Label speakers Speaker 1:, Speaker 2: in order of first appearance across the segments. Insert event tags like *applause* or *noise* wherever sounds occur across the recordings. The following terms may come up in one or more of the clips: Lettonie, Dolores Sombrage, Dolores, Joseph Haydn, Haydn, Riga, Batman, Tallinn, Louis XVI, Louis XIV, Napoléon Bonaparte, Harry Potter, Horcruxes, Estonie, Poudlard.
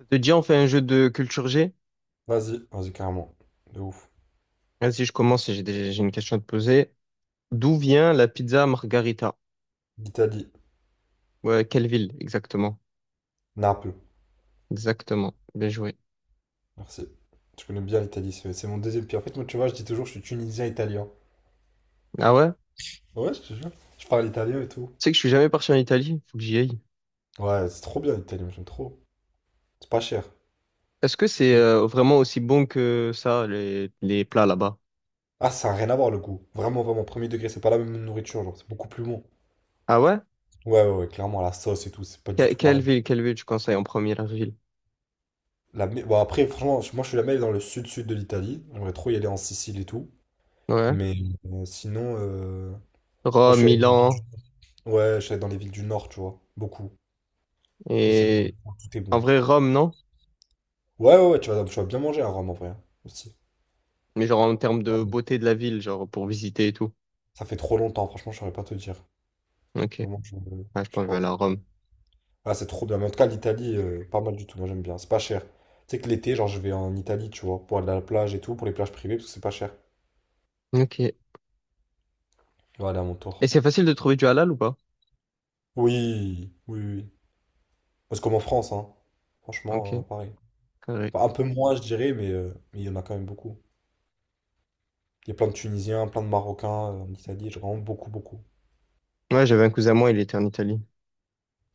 Speaker 1: Ça te dit, on fait un jeu de culture G?
Speaker 2: Vas-y, vas-y, carrément. De ouf.
Speaker 1: Vas-y, je commence, j'ai une question à te poser. D'où vient la pizza Margarita?
Speaker 2: L'Italie,
Speaker 1: Ouais, quelle ville, exactement?
Speaker 2: Naples,
Speaker 1: Exactement, bien joué.
Speaker 2: merci. Je connais bien l'Italie, c'est mon deuxième pays. En fait, moi, tu vois, je dis toujours, je suis tunisien-italien.
Speaker 1: Ah ouais?
Speaker 2: Ouais, je te jure. Je parle italien et tout.
Speaker 1: Tu sais que je suis jamais parti en Italie, faut que j'y aille.
Speaker 2: Ouais, c'est trop bien l'Italie, moi, j'aime trop. C'est pas cher.
Speaker 1: Est-ce que c'est
Speaker 2: Oui.
Speaker 1: vraiment aussi bon que ça, les plats là-bas?
Speaker 2: Ah, ça a rien à voir le goût. Vraiment, vraiment, premier degré, c'est pas la même nourriture, genre, c'est beaucoup plus bon.
Speaker 1: Ah ouais?
Speaker 2: Ouais, ouais, ouais, clairement, la sauce et tout, c'est pas du tout
Speaker 1: Quelle
Speaker 2: pareil.
Speaker 1: ville, quelle ville tu conseilles en première ville?
Speaker 2: Bon, après, franchement, moi, je suis jamais allé dans le sud-sud de l'Italie. J'aimerais trop y aller en Sicile et tout.
Speaker 1: Ouais.
Speaker 2: Mais sinon, moi, je
Speaker 1: Rome,
Speaker 2: suis allé dans les villes
Speaker 1: Milan,
Speaker 2: du... ouais, je suis allé dans les villes du nord, tu vois, beaucoup. Et c'est bon,
Speaker 1: et…
Speaker 2: tout est
Speaker 1: En
Speaker 2: bon.
Speaker 1: vrai, Rome, non?
Speaker 2: Ouais, ouais, ouais, tu vas bien manger à Rome en vrai, hein. Aussi.
Speaker 1: Mais genre en termes de
Speaker 2: Vraiment.
Speaker 1: beauté de la ville, genre pour visiter et tout.
Speaker 2: Ça fait trop longtemps, franchement, je saurais pas te dire.
Speaker 1: Ok.
Speaker 2: Vraiment,
Speaker 1: Ah, je
Speaker 2: je
Speaker 1: pense
Speaker 2: sais
Speaker 1: que je vais
Speaker 2: pas.
Speaker 1: aller à Rome.
Speaker 2: Ah, c'est trop bien. Mais en tout cas, l'Italie, pas mal du tout. Moi, j'aime bien. C'est pas cher. Tu sais que l'été, genre, je vais en Italie, tu vois, pour aller à la plage et tout, pour les plages privées, parce que c'est pas cher.
Speaker 1: Ok.
Speaker 2: Je vais aller à mon
Speaker 1: Et
Speaker 2: tour.
Speaker 1: c'est facile de trouver du halal ou pas?
Speaker 2: Oui, oui, oui. C'est comme en France, hein.
Speaker 1: Ok,
Speaker 2: Franchement, pareil.
Speaker 1: carré.
Speaker 2: Enfin, un peu moins, je dirais, mais il y en a quand même beaucoup. Il y a plein de Tunisiens, plein de Marocains en Italie, genre, vraiment beaucoup, beaucoup.
Speaker 1: Ouais, j'avais un cousin à moi, il était en Italie.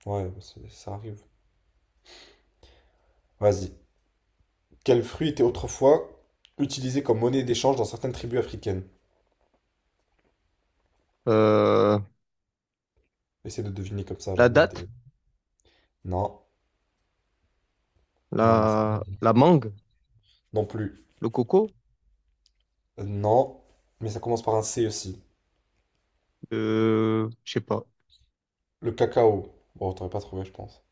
Speaker 2: Ouais, ça arrive. Vas-y. Quel fruit était autrefois utilisé comme monnaie d'échange dans certaines tribus africaines?
Speaker 1: Euh,
Speaker 2: Essaie de deviner comme ça,
Speaker 1: la
Speaker 2: genre donne
Speaker 1: date,
Speaker 2: des- Non, non, non, c'est pas ça.
Speaker 1: la mangue,
Speaker 2: Non plus.
Speaker 1: le coco,
Speaker 2: Non, mais ça commence par un C aussi.
Speaker 1: je sais pas.
Speaker 2: Le cacao. Bon, t'aurais pas trouvé, je pense.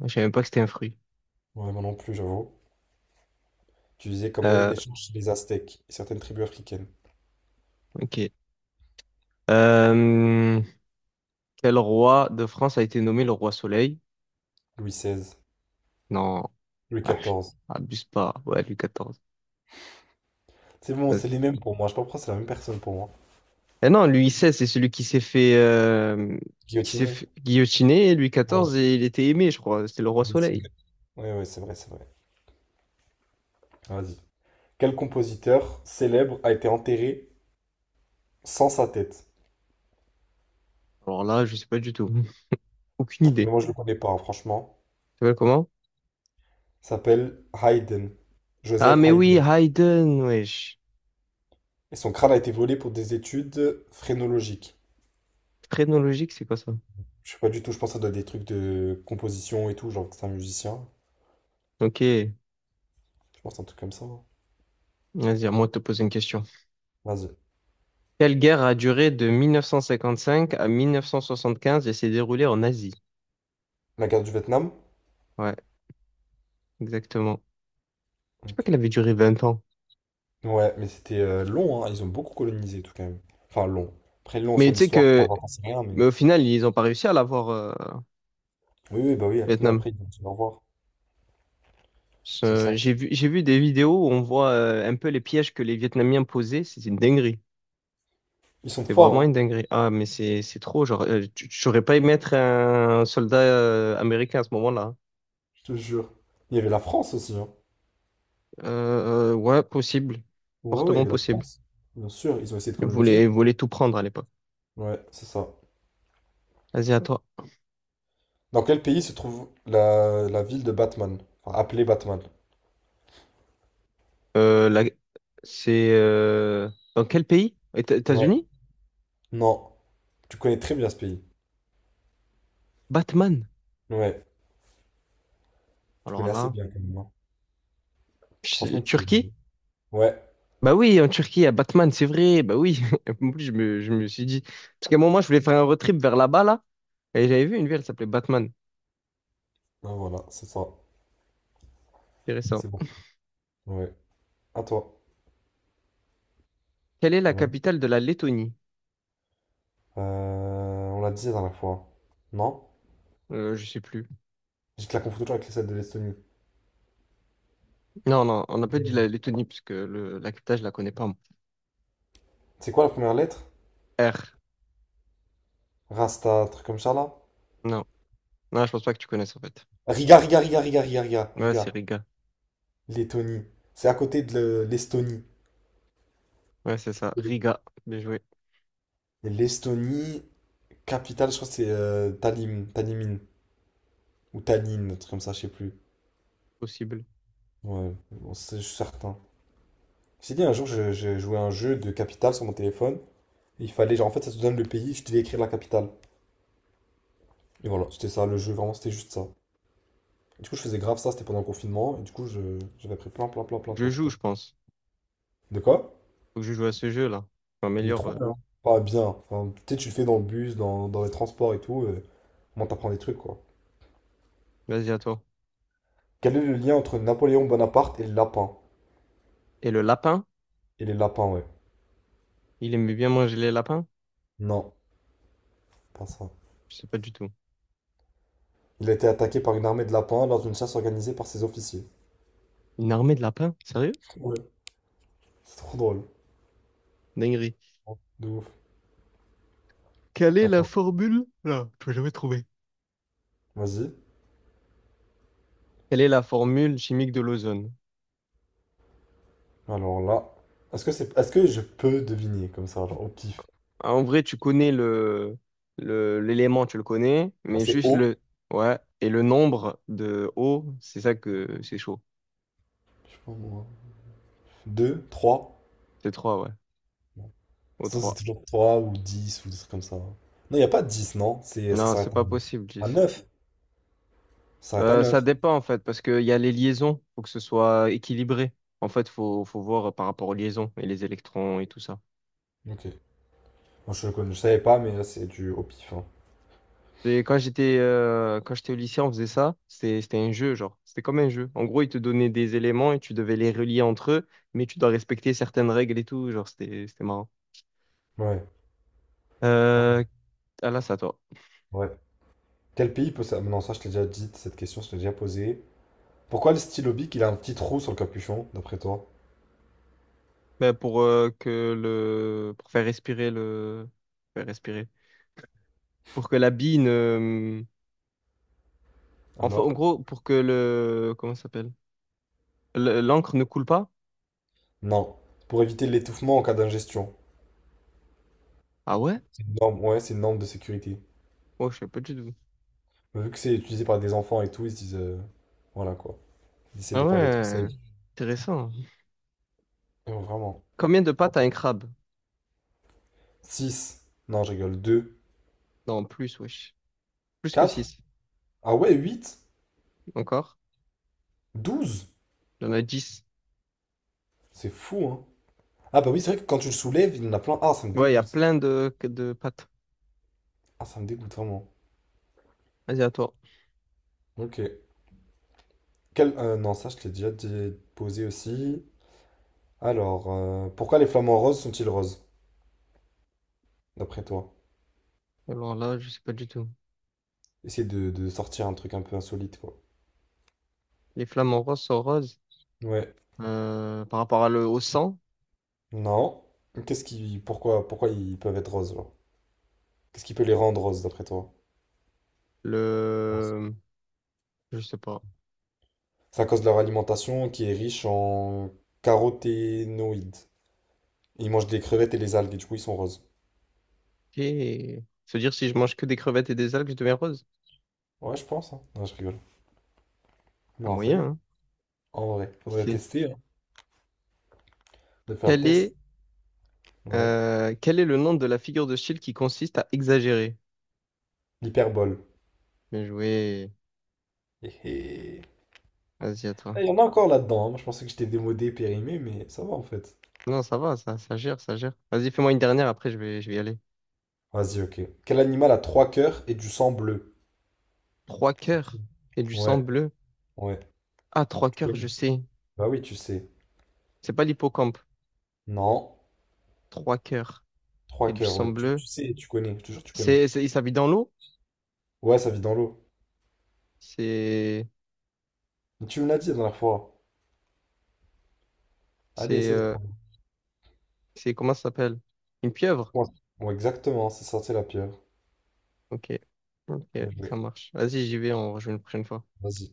Speaker 1: Je savais même pas que c'était un fruit.
Speaker 2: Ouais, moi non plus, j'avoue. Utilisé comme monnaie
Speaker 1: Euh,
Speaker 2: d'échange chez les Aztèques et certaines tribus africaines.
Speaker 1: ok. Euh, quel roi de France a été nommé le roi Soleil?
Speaker 2: Louis XVI,
Speaker 1: Non,
Speaker 2: Louis
Speaker 1: ah, je-
Speaker 2: XIV.
Speaker 1: abuse pas. Ouais, Louis XIV.
Speaker 2: C'est bon,
Speaker 1: Vas-y.
Speaker 2: c'est les mêmes pour moi. Je sais pas pourquoi c'est la même personne pour moi.
Speaker 1: Eh non, Louis XVI, c'est celui qui s'est fait qui s'est
Speaker 2: Guillotiné?
Speaker 1: fait guillotiner. Louis
Speaker 2: Ouais,
Speaker 1: XIV, et il était aimé, je crois. C'était le roi
Speaker 2: oui, c'est
Speaker 1: Soleil.
Speaker 2: vrai. Ouais, ouais, c'est vrai, c'est vrai. Vas-y. Quel compositeur célèbre a été enterré sans sa tête?
Speaker 1: Alors là, je sais pas du tout. *laughs* Aucune
Speaker 2: Mais
Speaker 1: idée.
Speaker 2: moi, je le connais pas, hein, franchement.
Speaker 1: S'appelle comment?
Speaker 2: Il s'appelle Haydn,
Speaker 1: Ah,
Speaker 2: Joseph
Speaker 1: mais oui,
Speaker 2: Haydn.
Speaker 1: Haydn, wesh.
Speaker 2: Et son crâne a été volé pour des études phrénologiques.
Speaker 1: Phrénologique, c'est quoi ça?
Speaker 2: Je sais pas du tout, je pense que ça doit être des trucs de composition et tout, genre que c'est un musicien.
Speaker 1: Ok,
Speaker 2: Je pense que c'est un truc comme ça, hein.
Speaker 1: vas-y, à moi de te poser une question.
Speaker 2: Vas-y.
Speaker 1: Quelle guerre a duré de 1955 à 1975 et s'est déroulée en Asie?
Speaker 2: La guerre du Vietnam?
Speaker 1: Ouais, exactement. Je sais pas
Speaker 2: Ok.
Speaker 1: qu'elle avait duré 20 ans.
Speaker 2: Ouais, mais c'était long, hein. Ils ont beaucoup colonisé tout quand même. Enfin, long. Après, long
Speaker 1: Mais
Speaker 2: sur
Speaker 1: tu sais
Speaker 2: l'histoire,
Speaker 1: que,
Speaker 2: enfin, j'en sais rien,
Speaker 1: mais
Speaker 2: mais...
Speaker 1: au final, ils ont pas réussi à l'avoir,
Speaker 2: Oui, oui, bah oui, Athènes,
Speaker 1: Vietnam.
Speaker 2: après, ils vont se revoir. C'est ça.
Speaker 1: J'ai vu des vidéos où on voit un peu les pièges que les Vietnamiens posaient, c'est une dinguerie.
Speaker 2: Ils sont
Speaker 1: C'est
Speaker 2: forts,
Speaker 1: vraiment
Speaker 2: hein,
Speaker 1: une dinguerie. Ah, mais c'est trop. Genre, j'aurais pas aimé être un soldat américain à ce moment-là.
Speaker 2: je te jure. Il y avait la France aussi, hein.
Speaker 1: Ouais, possible.
Speaker 2: Ouais, ouais, il y
Speaker 1: Fortement
Speaker 2: avait la
Speaker 1: possible.
Speaker 2: France. Bien sûr, ils ont essayé de coloniser.
Speaker 1: Ils voulaient tout prendre à l'époque.
Speaker 2: Ouais, c'est ça.
Speaker 1: Vas-y, à toi.
Speaker 2: Dans quel pays se trouve la ville de Batman? Enfin, appelée Batman.
Speaker 1: Euh, la- C'est dans quel pays?
Speaker 2: Ouais.
Speaker 1: États-Unis?
Speaker 2: Non. Tu connais très bien ce pays.
Speaker 1: Batman.
Speaker 2: Ouais. Tu
Speaker 1: Alors
Speaker 2: connais assez
Speaker 1: là,
Speaker 2: bien quand même, hein. Franchement, bien.
Speaker 1: Turquie?
Speaker 2: Ouais.
Speaker 1: Bah oui, en Turquie, à Batman, c'est vrai. Bah oui. *laughs* En plus, je me suis dit. Parce qu'à un moment, je voulais faire un road trip vers là-bas, là. Et j'avais vu une ville, elle s'appelait Batman.
Speaker 2: Ben voilà, c'est ça.
Speaker 1: Intéressant.
Speaker 2: C'est bon. Ouais. À toi.
Speaker 1: Quelle est la
Speaker 2: Ouais.
Speaker 1: capitale de la Lettonie?
Speaker 2: On l'a dit la dernière fois. Non?
Speaker 1: Je sais plus.
Speaker 2: Je te la confonds toujours avec celle de l'Estonie.
Speaker 1: Non, non, on n'a pas dit
Speaker 2: Euh,
Speaker 1: la Lettonie parce que la capitale, je la connais pas. Moi.
Speaker 2: C'est quoi la première lettre?
Speaker 1: R.
Speaker 2: Rasta, truc comme ça là?
Speaker 1: Non. Non, je pense pas que tu connaisses en fait.
Speaker 2: Riga, Riga, Riga, Riga, Riga, Riga,
Speaker 1: Ouais, c'est
Speaker 2: Riga.
Speaker 1: Riga.
Speaker 2: Lettonie. C'est à côté de l'Estonie.
Speaker 1: Ouais, c'est ça.
Speaker 2: Et
Speaker 1: Riga. Bien joué.
Speaker 2: l'Estonie, capitale, je crois que c'est Talim, Talimine, ou Tallinn, un truc comme ça, je sais plus.
Speaker 1: Possible.
Speaker 2: Ouais, bon, je suis certain. J'ai dit un jour, j'ai joué à un jeu de capitale sur mon téléphone. Il fallait, genre, en fait, ça te donne le pays, je devais écrire la capitale. Et voilà, c'était ça, le jeu, vraiment, c'était juste ça. Et du coup, je faisais grave ça, c'était pendant le confinement, et du coup, j'avais pris plein, plein, plein,
Speaker 1: Faut
Speaker 2: plein de
Speaker 1: que je joue,
Speaker 2: capitales.
Speaker 1: je pense.
Speaker 2: De quoi?
Speaker 1: Faut que je joue à ce jeu-là. Je
Speaker 2: Il est
Speaker 1: m'améliore.
Speaker 2: trop bien. Pas bien. Enfin, tu sais, tu le fais dans le bus, dans les transports et tout, au moins, t'apprends des trucs, quoi.
Speaker 1: Vas-y, à toi.
Speaker 2: Quel est le lien entre Napoléon Bonaparte et le lapin?
Speaker 1: Et le lapin?
Speaker 2: Et les lapins, ouais.
Speaker 1: Il aimait bien manger les lapins?
Speaker 2: Non, pas ça.
Speaker 1: Je sais pas du tout.
Speaker 2: Il a été attaqué par une armée de lapins lors d'une chasse organisée par ses officiers.
Speaker 1: Une armée de lapins? Sérieux?
Speaker 2: Ouais. C'est trop drôle.
Speaker 1: Dinguerie.
Speaker 2: De ouf.
Speaker 1: Quelle est la
Speaker 2: Attends,
Speaker 1: formule? Là, je vais jamais trouver.
Speaker 2: vas-y.
Speaker 1: Quelle est la formule chimique de l'ozone?
Speaker 2: Alors là, est-ce que je peux deviner comme ça, genre au pif?
Speaker 1: Ah, en vrai, tu connais l'élément, tu le connais,
Speaker 2: Ah,
Speaker 1: mais
Speaker 2: c'est
Speaker 1: juste
Speaker 2: haut.
Speaker 1: le, ouais, et le nombre de O, c'est ça que c'est chaud.
Speaker 2: Je sais pas moi. 2, 3.
Speaker 1: C'est trois ouais. O
Speaker 2: Sinon c'est
Speaker 1: trois.
Speaker 2: toujours 3 ou 10 ou des trucs comme ça. Non, il n'y a pas 10 non? C'est, ça
Speaker 1: Non, c'est
Speaker 2: s'arrête
Speaker 1: pas possible,
Speaker 2: à
Speaker 1: 10.
Speaker 2: 9. Ça s'arrête à
Speaker 1: Ça
Speaker 2: 9.
Speaker 1: dépend, en fait, parce qu'il y a les liaisons, faut que ce soit équilibré. En fait, faut voir par rapport aux liaisons et les électrons et tout ça.
Speaker 2: Ok. Moi, je le connais, je savais pas, mais là c'est du au pif, hein.
Speaker 1: Quand j'étais au lycée, on faisait ça. C'était un jeu, genre. C'était comme un jeu. En gros, ils te donnaient des éléments et tu devais les relier entre eux, mais tu dois respecter certaines règles et tout. Genre, c'était marrant.
Speaker 2: Ouais. Ouais.
Speaker 1: Euh, ah là, c'est à toi.
Speaker 2: Ouais. Quel pays peut ça... Non, ça je t'ai déjà dit, cette question, je t'ai déjà posée. Pourquoi le stylo bic, il a un petit trou sur le capuchon, d'après toi?
Speaker 1: Ben, pour que le pour faire respirer le faire respirer pour que la bille ne hum, en, en
Speaker 2: Alors?
Speaker 1: gros pour que le comment ça s'appelle l'encre ne coule pas.
Speaker 2: Non. Pour éviter l'étouffement en cas d'ingestion.
Speaker 1: Ah ouais?
Speaker 2: C'est une norme, ouais, c'est une norme de sécurité.
Speaker 1: Oh, je sais pas du tout.
Speaker 2: Mais vu que c'est utilisé par des enfants et tout, ils se disent... voilà, quoi. Ils essaient
Speaker 1: Ah
Speaker 2: de faire des trucs safe.
Speaker 1: ouais, intéressant.
Speaker 2: Vraiment.
Speaker 1: Combien de pattes a un crabe?
Speaker 2: 6. Non, je rigole. 2.
Speaker 1: Non, plus, wesh. Plus que
Speaker 2: 4.
Speaker 1: 6.
Speaker 2: Ah ouais, 8.
Speaker 1: Encore?
Speaker 2: 12.
Speaker 1: Il y en a 10.
Speaker 2: C'est fou, hein. Ah bah oui, c'est vrai que quand tu le soulèves, il y en a plein. Ah, ça me
Speaker 1: Ouais, il y a
Speaker 2: dégoûte.
Speaker 1: plein de pattes.
Speaker 2: Ah, ça me dégoûte vraiment.
Speaker 1: Vas-y, à toi.
Speaker 2: Ok. Non, ça, je te l'ai déjà posé aussi. Alors, pourquoi les flamants roses sont-ils roses, d'après toi?
Speaker 1: Alors là, je sais pas du tout.
Speaker 2: Essayer de sortir un truc un peu insolite, quoi.
Speaker 1: Les flamants roses sont roses.
Speaker 2: Ouais.
Speaker 1: Par rapport à le, au sang.
Speaker 2: Non. Pourquoi, pourquoi ils peuvent être roses, genre? Qu'est-ce qui peut les rendre roses, d'après toi?
Speaker 1: Le… Je sais pas.
Speaker 2: C'est à cause de leur alimentation qui est riche en caroténoïdes. Ils mangent des crevettes et les algues, et du coup, ils sont roses.
Speaker 1: Et… Se dire si je mange que des crevettes et des algues, je deviens rose?
Speaker 2: Ouais, je pense, hein. Non, je rigole.
Speaker 1: Un
Speaker 2: Non, ça y
Speaker 1: moyen,
Speaker 2: est.
Speaker 1: hein?
Speaker 2: En vrai,
Speaker 1: Qui
Speaker 2: faudrait
Speaker 1: sait.
Speaker 2: tester, hein, de faire le
Speaker 1: Quel
Speaker 2: test.
Speaker 1: est,
Speaker 2: Ouais.
Speaker 1: quel est le nom de la figure de style qui consiste à exagérer?
Speaker 2: L'hyperbole.
Speaker 1: Bien joué.
Speaker 2: Hé hé.
Speaker 1: Vas-y, à toi.
Speaker 2: Ah, il y en a encore là-dedans, hein. Moi, je pensais que j'étais démodé, périmé, mais ça va en fait.
Speaker 1: Non, ça va, ça gère, ça gère. Vas-y, fais-moi une dernière, après je vais y aller.
Speaker 2: Vas-y, ok. Quel animal a trois cœurs et du sang bleu?
Speaker 1: Trois cœurs et du sang
Speaker 2: Ouais,
Speaker 1: bleu.
Speaker 2: ouais.
Speaker 1: Ah, trois cœurs, je
Speaker 2: Connais.
Speaker 1: sais.
Speaker 2: Bah oui, tu sais.
Speaker 1: C'est pas l'hippocampe.
Speaker 2: Non.
Speaker 1: Trois cœurs et
Speaker 2: Trois
Speaker 1: du
Speaker 2: cœurs,
Speaker 1: sang
Speaker 2: ouais. Tu,
Speaker 1: bleu.
Speaker 2: tu sais, tu connais, je te jure, tu connais.
Speaker 1: Il s'habille dans l'eau?
Speaker 2: Ouais, ça vit dans l'eau.
Speaker 1: C'est,
Speaker 2: Mais tu me l'as dit la dernière fois. Allez,
Speaker 1: c'est,
Speaker 2: essaie de
Speaker 1: euh,
Speaker 2: prendre.
Speaker 1: comment ça s'appelle? Une pieuvre?
Speaker 2: Ouais, exactement, c'est sorti la pierre.
Speaker 1: Ok. Ok,
Speaker 2: Bien
Speaker 1: ça
Speaker 2: joué.
Speaker 1: marche. Vas-y, j'y vais, on rejoue une prochaine fois.
Speaker 2: Vas-y.